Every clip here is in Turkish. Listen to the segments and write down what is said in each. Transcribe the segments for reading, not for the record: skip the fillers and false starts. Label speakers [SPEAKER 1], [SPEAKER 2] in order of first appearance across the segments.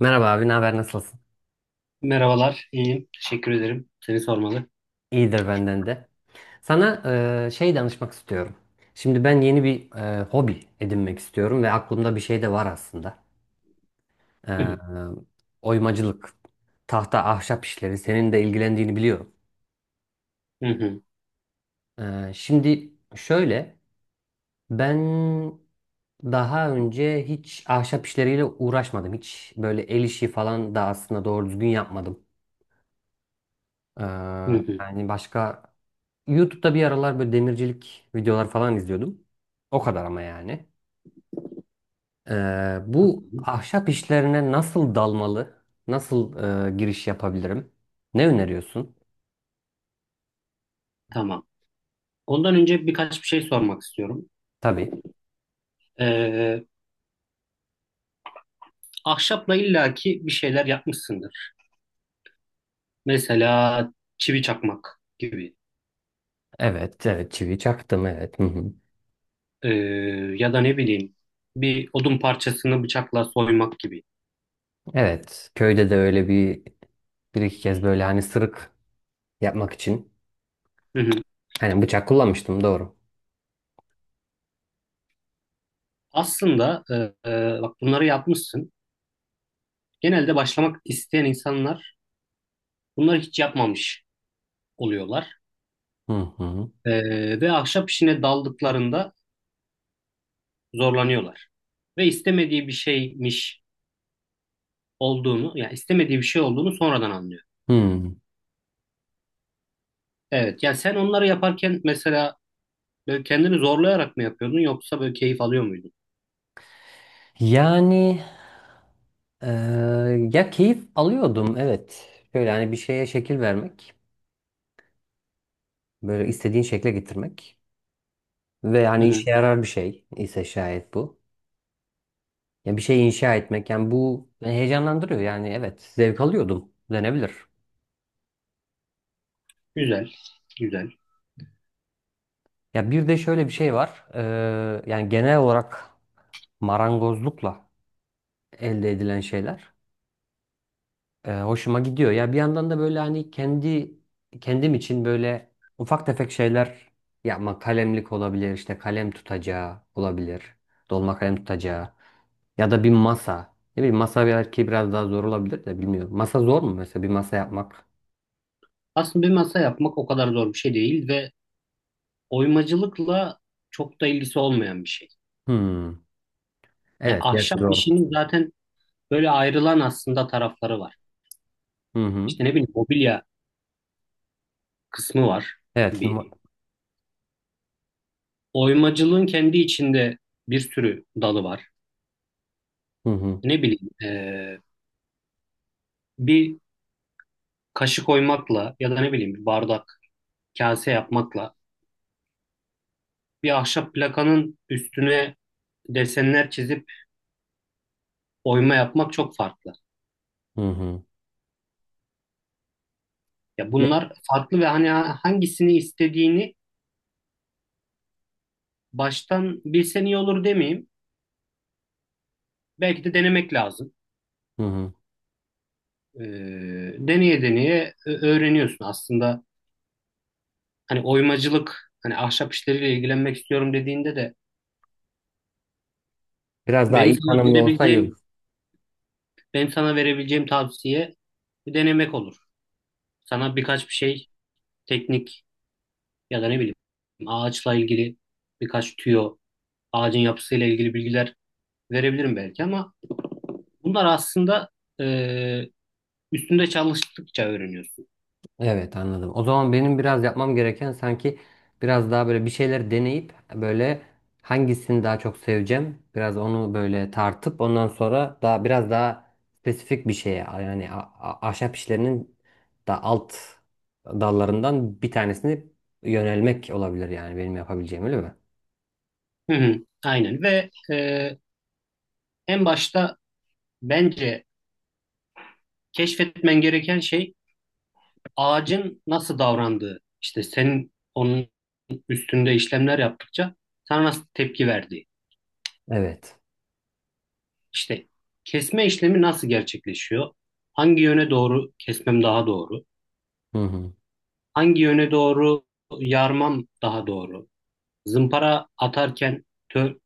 [SPEAKER 1] Merhaba abi, ne haber, nasılsın?
[SPEAKER 2] Merhabalar, iyiyim. Teşekkür ederim. Seni sormalı.
[SPEAKER 1] İyidir benden de. Sana şey danışmak istiyorum. Şimdi ben yeni bir hobi edinmek istiyorum ve aklımda bir şey de var aslında. E,
[SPEAKER 2] Hı hı,
[SPEAKER 1] Oymacılık, tahta, ahşap işleri senin de ilgilendiğini biliyorum.
[SPEAKER 2] hı hı,
[SPEAKER 1] Şimdi şöyle, ben daha önce hiç ahşap işleriyle uğraşmadım. Hiç böyle el işi falan da aslında doğru düzgün yapmadım. E,
[SPEAKER 2] hı hı,
[SPEAKER 1] Yani başka YouTube'da bir aralar böyle demircilik videolar falan izliyordum. O kadar ama yani.
[SPEAKER 2] hı
[SPEAKER 1] Bu
[SPEAKER 2] hı.
[SPEAKER 1] ahşap işlerine nasıl dalmalı? Nasıl giriş yapabilirim? Ne öneriyorsun?
[SPEAKER 2] Tamam. Ondan önce birkaç bir şey sormak istiyorum.
[SPEAKER 1] Tabii.
[SPEAKER 2] Ee, Ahşapla illaki bir şeyler yapmışsındır. Mesela çivi çakmak gibi.
[SPEAKER 1] Evet, evet, çivi çaktım, evet. Hı hı.
[SPEAKER 2] Ee, Ya da ne bileyim bir odun parçasını bıçakla soymak gibi.
[SPEAKER 1] Evet, köyde de öyle bir iki kez böyle hani sırık yapmak için
[SPEAKER 2] Hı hı.
[SPEAKER 1] hani bıçak kullanmıştım, doğru.
[SPEAKER 2] Aslında bak bunları yapmışsın. Genelde başlamak isteyen insanlar bunları hiç yapmamış oluyorlar.
[SPEAKER 1] Hı hı.
[SPEAKER 2] Ve ahşap işine daldıklarında zorlanıyorlar. Ve istemediği bir şeymiş olduğunu, yani istemediği bir şey olduğunu sonradan anlıyor.
[SPEAKER 1] Hı.
[SPEAKER 2] Evet, yani sen onları yaparken mesela böyle kendini zorlayarak mı yapıyordun yoksa böyle keyif alıyor muydun?
[SPEAKER 1] Yani e, ya keyif alıyordum, evet. Şöyle hani bir şeye şekil vermek. Böyle istediğin şekle getirmek. Ve
[SPEAKER 2] Hı
[SPEAKER 1] yani
[SPEAKER 2] hı.
[SPEAKER 1] işe yarar bir şey ise şayet bu. Ya bir şey inşa etmek yani bu beni heyecanlandırıyor. Yani evet zevk alıyordum denebilir.
[SPEAKER 2] Güzel, güzel.
[SPEAKER 1] Ya bir de şöyle bir şey var. Yani genel olarak marangozlukla elde edilen şeyler hoşuma gidiyor. Ya bir yandan da böyle hani kendi kendim için böyle ufak tefek şeyler yapmak, kalemlik olabilir, işte kalem tutacağı olabilir, dolma kalem tutacağı. Ya da bir masa. Ne bileyim, masa belki biraz daha zor olabilir de bilmiyorum. Masa zor mu mesela, bir masa yapmak?
[SPEAKER 2] Aslında bir masa yapmak o kadar zor bir şey değil ve oymacılıkla çok da ilgisi olmayan bir şey.
[SPEAKER 1] Hmm.
[SPEAKER 2] Ya
[SPEAKER 1] Evet, gerçi
[SPEAKER 2] ahşap
[SPEAKER 1] doğru.
[SPEAKER 2] işinin zaten böyle ayrılan aslında tarafları var.
[SPEAKER 1] Hı hı.
[SPEAKER 2] İşte ne bileyim mobilya kısmı var
[SPEAKER 1] Evet.
[SPEAKER 2] bir. Oymacılığın kendi içinde bir sürü dalı var.
[SPEAKER 1] Hı hı.
[SPEAKER 2] Ne bileyim bir kaşık oymakla ya da ne bileyim bir bardak, kase yapmakla bir ahşap plakanın üstüne desenler çizip oyma yapmak çok farklı.
[SPEAKER 1] Hı hı.
[SPEAKER 2] Ya
[SPEAKER 1] Ne?
[SPEAKER 2] bunlar farklı ve hani hangisini istediğini baştan bilsen iyi olur demeyeyim. Belki de denemek lazım.
[SPEAKER 1] Hı hı.
[SPEAKER 2] Ee, Deneye deneye öğreniyorsun aslında. Hani oymacılık, hani ahşap işleriyle ilgilenmek istiyorum dediğinde de
[SPEAKER 1] Biraz daha
[SPEAKER 2] benim
[SPEAKER 1] iyi
[SPEAKER 2] sana
[SPEAKER 1] tanımlı olsa iyi.
[SPEAKER 2] verebileceğim benim sana verebileceğim tavsiye denemek olur. Sana birkaç bir şey teknik ya da ne bileyim ağaçla ilgili birkaç tüyo, ağacın yapısıyla ilgili bilgiler verebilirim belki ama bunlar aslında e, üstünde çalıştıkça öğreniyorsun.
[SPEAKER 1] Evet, anladım. O zaman benim biraz yapmam gereken sanki biraz daha böyle bir şeyler deneyip, böyle hangisini daha çok seveceğim biraz onu böyle tartıp ondan sonra daha biraz daha spesifik bir şeye, yani ahşap işlerinin da alt dallarından bir tanesini yönelmek olabilir, yani benim yapabileceğim, öyle mi?
[SPEAKER 2] Hı hı, aynen ve en başta bence keşfetmen gereken şey ağacın nasıl davrandığı. İşte senin onun üstünde işlemler yaptıkça sana nasıl tepki verdiği.
[SPEAKER 1] Evet.
[SPEAKER 2] İşte kesme işlemi nasıl gerçekleşiyor? Hangi yöne doğru kesmem daha doğru?
[SPEAKER 1] Hı hı.
[SPEAKER 2] Hangi yöne doğru yarmam daha doğru? Zımpara atarken,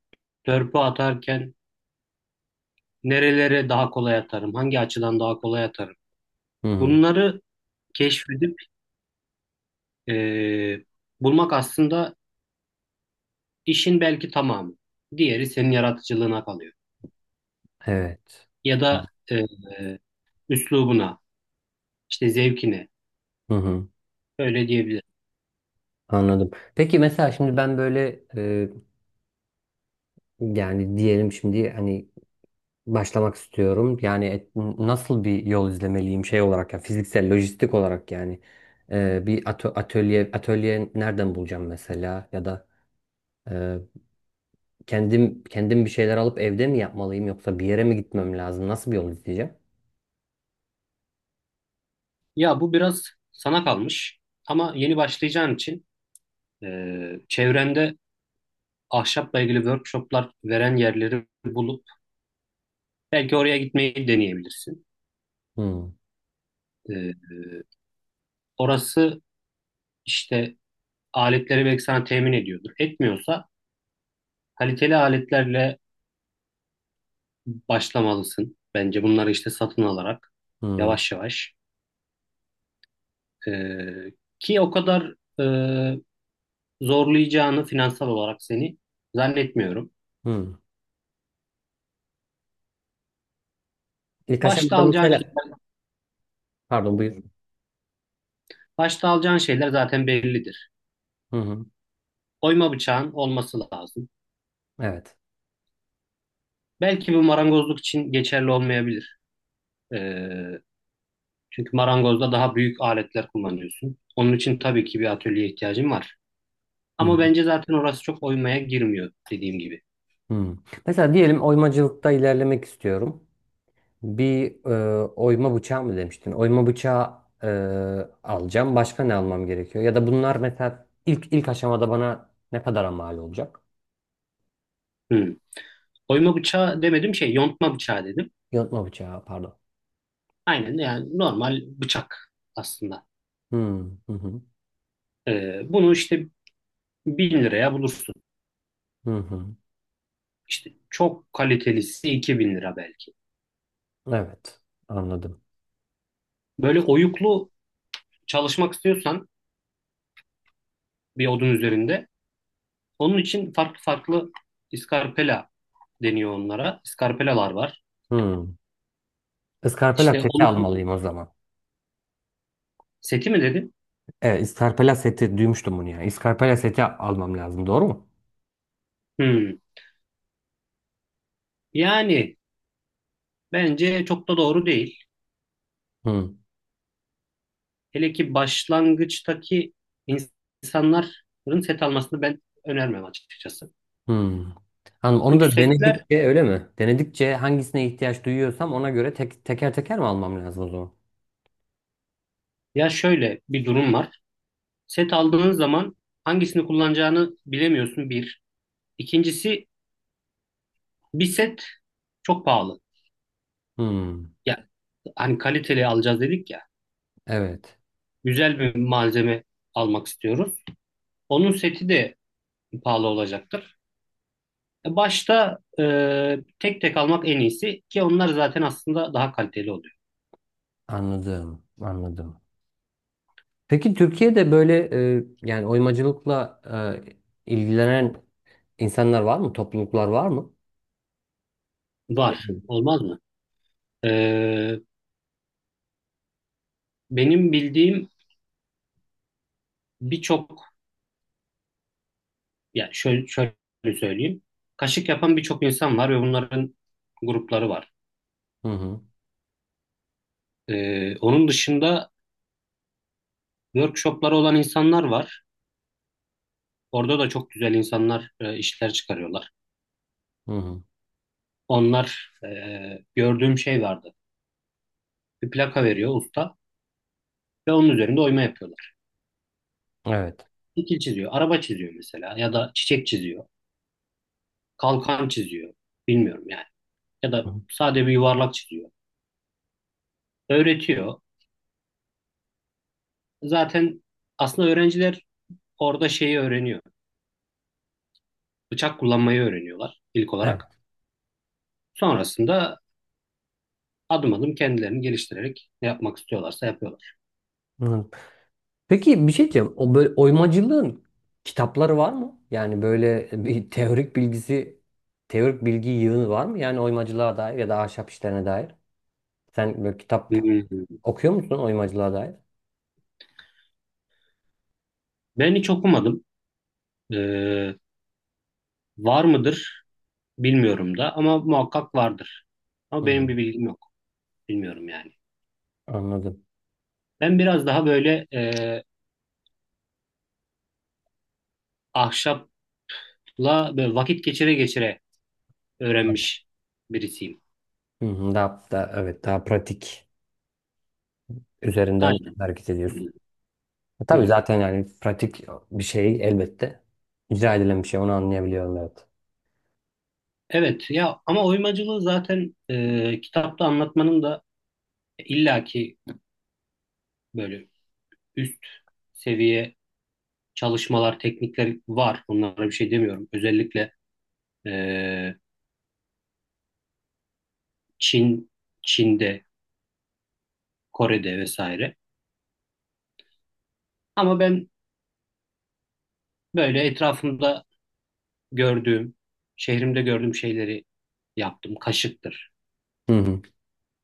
[SPEAKER 2] törpü atarken nerelere daha kolay atarım? Hangi açıdan daha kolay atarım?
[SPEAKER 1] Hı hı.
[SPEAKER 2] Bunları keşfedip eee, bulmak aslında işin belki tamamı. Diğeri senin yaratıcılığına kalıyor.
[SPEAKER 1] Evet.
[SPEAKER 2] Ya da üslubuna, işte zevkine.
[SPEAKER 1] Hı hı.
[SPEAKER 2] Öyle diyebilirim.
[SPEAKER 1] Anladım. Peki mesela şimdi ben böyle yani diyelim şimdi hani başlamak istiyorum. Yani nasıl bir yol izlemeliyim şey olarak, ya fiziksel, lojistik olarak yani. Bir atölye nereden bulacağım mesela, ya da e, kendim bir şeyler alıp evde mi yapmalıyım, yoksa bir yere mi gitmem lazım? Nasıl bir yol izleyeceğim?
[SPEAKER 2] Ya bu biraz sana kalmış. Ama yeni başlayacağın için çevrende ahşapla ilgili workshoplar veren yerleri bulup belki oraya gitmeyi deneyebilirsin.
[SPEAKER 1] Hmm,
[SPEAKER 2] Ee, Orası işte aletleri belki sana temin ediyordur. Etmiyorsa kaliteli aletlerle başlamalısın. Bence bunları işte satın alarak
[SPEAKER 1] hmm,
[SPEAKER 2] yavaş yavaş ee, ki o kadar e, zorlayacağını finansal olarak seni zannetmiyorum.
[SPEAKER 1] hmm. İlk
[SPEAKER 2] Başta
[SPEAKER 1] aşamada
[SPEAKER 2] alacağın
[SPEAKER 1] mesela,
[SPEAKER 2] şeyler,
[SPEAKER 1] pardon, buyur.
[SPEAKER 2] başta alacağın şeyler zaten bellidir.
[SPEAKER 1] Hı hı.
[SPEAKER 2] Oyma bıçağın olması lazım.
[SPEAKER 1] Evet.
[SPEAKER 2] Belki bu marangozluk için geçerli olmayabilir. Ee, Çünkü marangozda daha büyük aletler kullanıyorsun. Onun için tabii ki bir atölyeye ihtiyacın var.
[SPEAKER 1] Hı hı.
[SPEAKER 2] Ama bence zaten orası çok oymaya girmiyor dediğim gibi.
[SPEAKER 1] Hı. Mesela diyelim oymacılıkta ilerlemek istiyorum. Bir oyma bıçağı mı demiştin? Oyma bıçağı alacağım. Başka ne almam gerekiyor? Ya da bunlar mesela ilk aşamada bana ne kadara mal olacak?
[SPEAKER 2] Hı. Oyma bıçağı demedim şey yontma bıçağı dedim.
[SPEAKER 1] Yontma bıçağı, pardon.
[SPEAKER 2] Aynen yani normal bıçak aslında.
[SPEAKER 1] Hmm, hı hı,
[SPEAKER 2] Bunu işte 1.000 liraya bulursun.
[SPEAKER 1] hı hı.
[SPEAKER 2] İşte çok kalitelisi 2.000 lira belki.
[SPEAKER 1] Evet, anladım.
[SPEAKER 2] Böyle oyuklu çalışmak istiyorsan bir odun üzerinde onun için farklı farklı iskarpela deniyor onlara. İskarpelalar var.
[SPEAKER 1] Hmm. Iskarpela
[SPEAKER 2] İşte
[SPEAKER 1] seti
[SPEAKER 2] onu
[SPEAKER 1] almalıyım o zaman.
[SPEAKER 2] seti mi dedin?
[SPEAKER 1] Evet, iskarpela seti duymuştum bunu ya. Iskarpela seti almam lazım, doğru mu?
[SPEAKER 2] Hmm. Yani bence çok da doğru değil.
[SPEAKER 1] Hmm,
[SPEAKER 2] Hele ki başlangıçtaki insanların set almasını ben önermem açıkçası.
[SPEAKER 1] hmm. Hanım, onu
[SPEAKER 2] Çünkü
[SPEAKER 1] da
[SPEAKER 2] setler
[SPEAKER 1] denedikçe, öyle mi? Denedikçe hangisine ihtiyaç duyuyorsam ona göre teker teker mi almam lazım o zaman?
[SPEAKER 2] ya şöyle bir durum var. Set aldığın zaman hangisini kullanacağını bilemiyorsun bir. İkincisi bir set çok pahalı.
[SPEAKER 1] Hmm.
[SPEAKER 2] Ya hani kaliteli alacağız dedik ya.
[SPEAKER 1] Evet,
[SPEAKER 2] Güzel bir malzeme almak istiyoruz. Onun seti de pahalı olacaktır. Başta tek tek almak en iyisi ki onlar zaten aslında daha kaliteli oluyor.
[SPEAKER 1] anladım, anladım. Peki Türkiye'de böyle yani oymacılıkla ilgilenen insanlar var mı? Topluluklar var mı?
[SPEAKER 2] Var, olmaz mı? E, Benim bildiğim birçok, ya şöyle söyleyeyim. Kaşık yapan birçok insan var ve bunların grupları var.
[SPEAKER 1] Hı hı,
[SPEAKER 2] E, onun dışında workshopları olan insanlar var. Orada da çok güzel insanlar işler çıkarıyorlar.
[SPEAKER 1] hı hı.
[SPEAKER 2] Onlar gördüğüm şey vardı. Bir plaka veriyor usta ve onun üzerinde oyma yapıyorlar.
[SPEAKER 1] Evet.
[SPEAKER 2] Şekil çiziyor, araba çiziyor mesela ya da çiçek çiziyor. Kalkan çiziyor. Bilmiyorum yani. Ya
[SPEAKER 1] Hı
[SPEAKER 2] da
[SPEAKER 1] hı.
[SPEAKER 2] sade bir yuvarlak çiziyor. Öğretiyor. Zaten aslında öğrenciler orada şeyi öğreniyor. Bıçak kullanmayı öğreniyorlar ilk olarak.
[SPEAKER 1] Evet.
[SPEAKER 2] Sonrasında adım adım kendilerini geliştirerek ne yapmak istiyorlarsa yapıyorlar.
[SPEAKER 1] Hı hı. Peki bir şey diyeceğim. O böyle oymacılığın kitapları var mı? Yani böyle bir teorik bilgisi, teorik bilgi yığını var mı? Yani oymacılığa dair ya da ahşap işlerine dair. Sen böyle kitap
[SPEAKER 2] Hmm.
[SPEAKER 1] okuyor musun oymacılığa dair?
[SPEAKER 2] Ben hiç okumadım. Ee, Var mıdır bilmiyorum da ama muhakkak vardır. Ama
[SPEAKER 1] Hı hı.
[SPEAKER 2] benim bir bilgim yok. Bilmiyorum yani.
[SPEAKER 1] Anladım.
[SPEAKER 2] Ben biraz daha böyle ahşapla böyle vakit geçire geçire öğrenmiş birisiyim.
[SPEAKER 1] Hı hı, evet, daha pratik üzerinden
[SPEAKER 2] Aynen.
[SPEAKER 1] hareket
[SPEAKER 2] Hı
[SPEAKER 1] ediyorsun. Tabii
[SPEAKER 2] hı.
[SPEAKER 1] zaten, yani pratik bir şey elbette. İcra edilen bir şey, onu anlayabiliyorum, evet.
[SPEAKER 2] Evet ya ama oymacılığı zaten kitapta anlatmanın da illaki böyle üst seviye çalışmalar, teknikler var. Bunlara bir şey demiyorum. Özellikle e, Çin, Çin'de, Kore'de vesaire. Ama ben böyle etrafımda gördüğüm, şehrimde gördüğüm şeyleri yaptım. Kaşıktır,
[SPEAKER 1] Hı hı,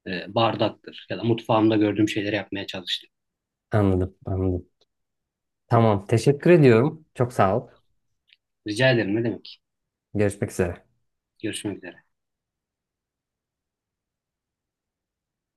[SPEAKER 2] bardaktır ya da mutfağımda gördüğüm şeyleri yapmaya çalıştım.
[SPEAKER 1] anladım, anladım. Tamam, teşekkür ediyorum. Çok sağ ol.
[SPEAKER 2] Rica ederim ne demek.
[SPEAKER 1] Görüşmek üzere.
[SPEAKER 2] Görüşmek üzere.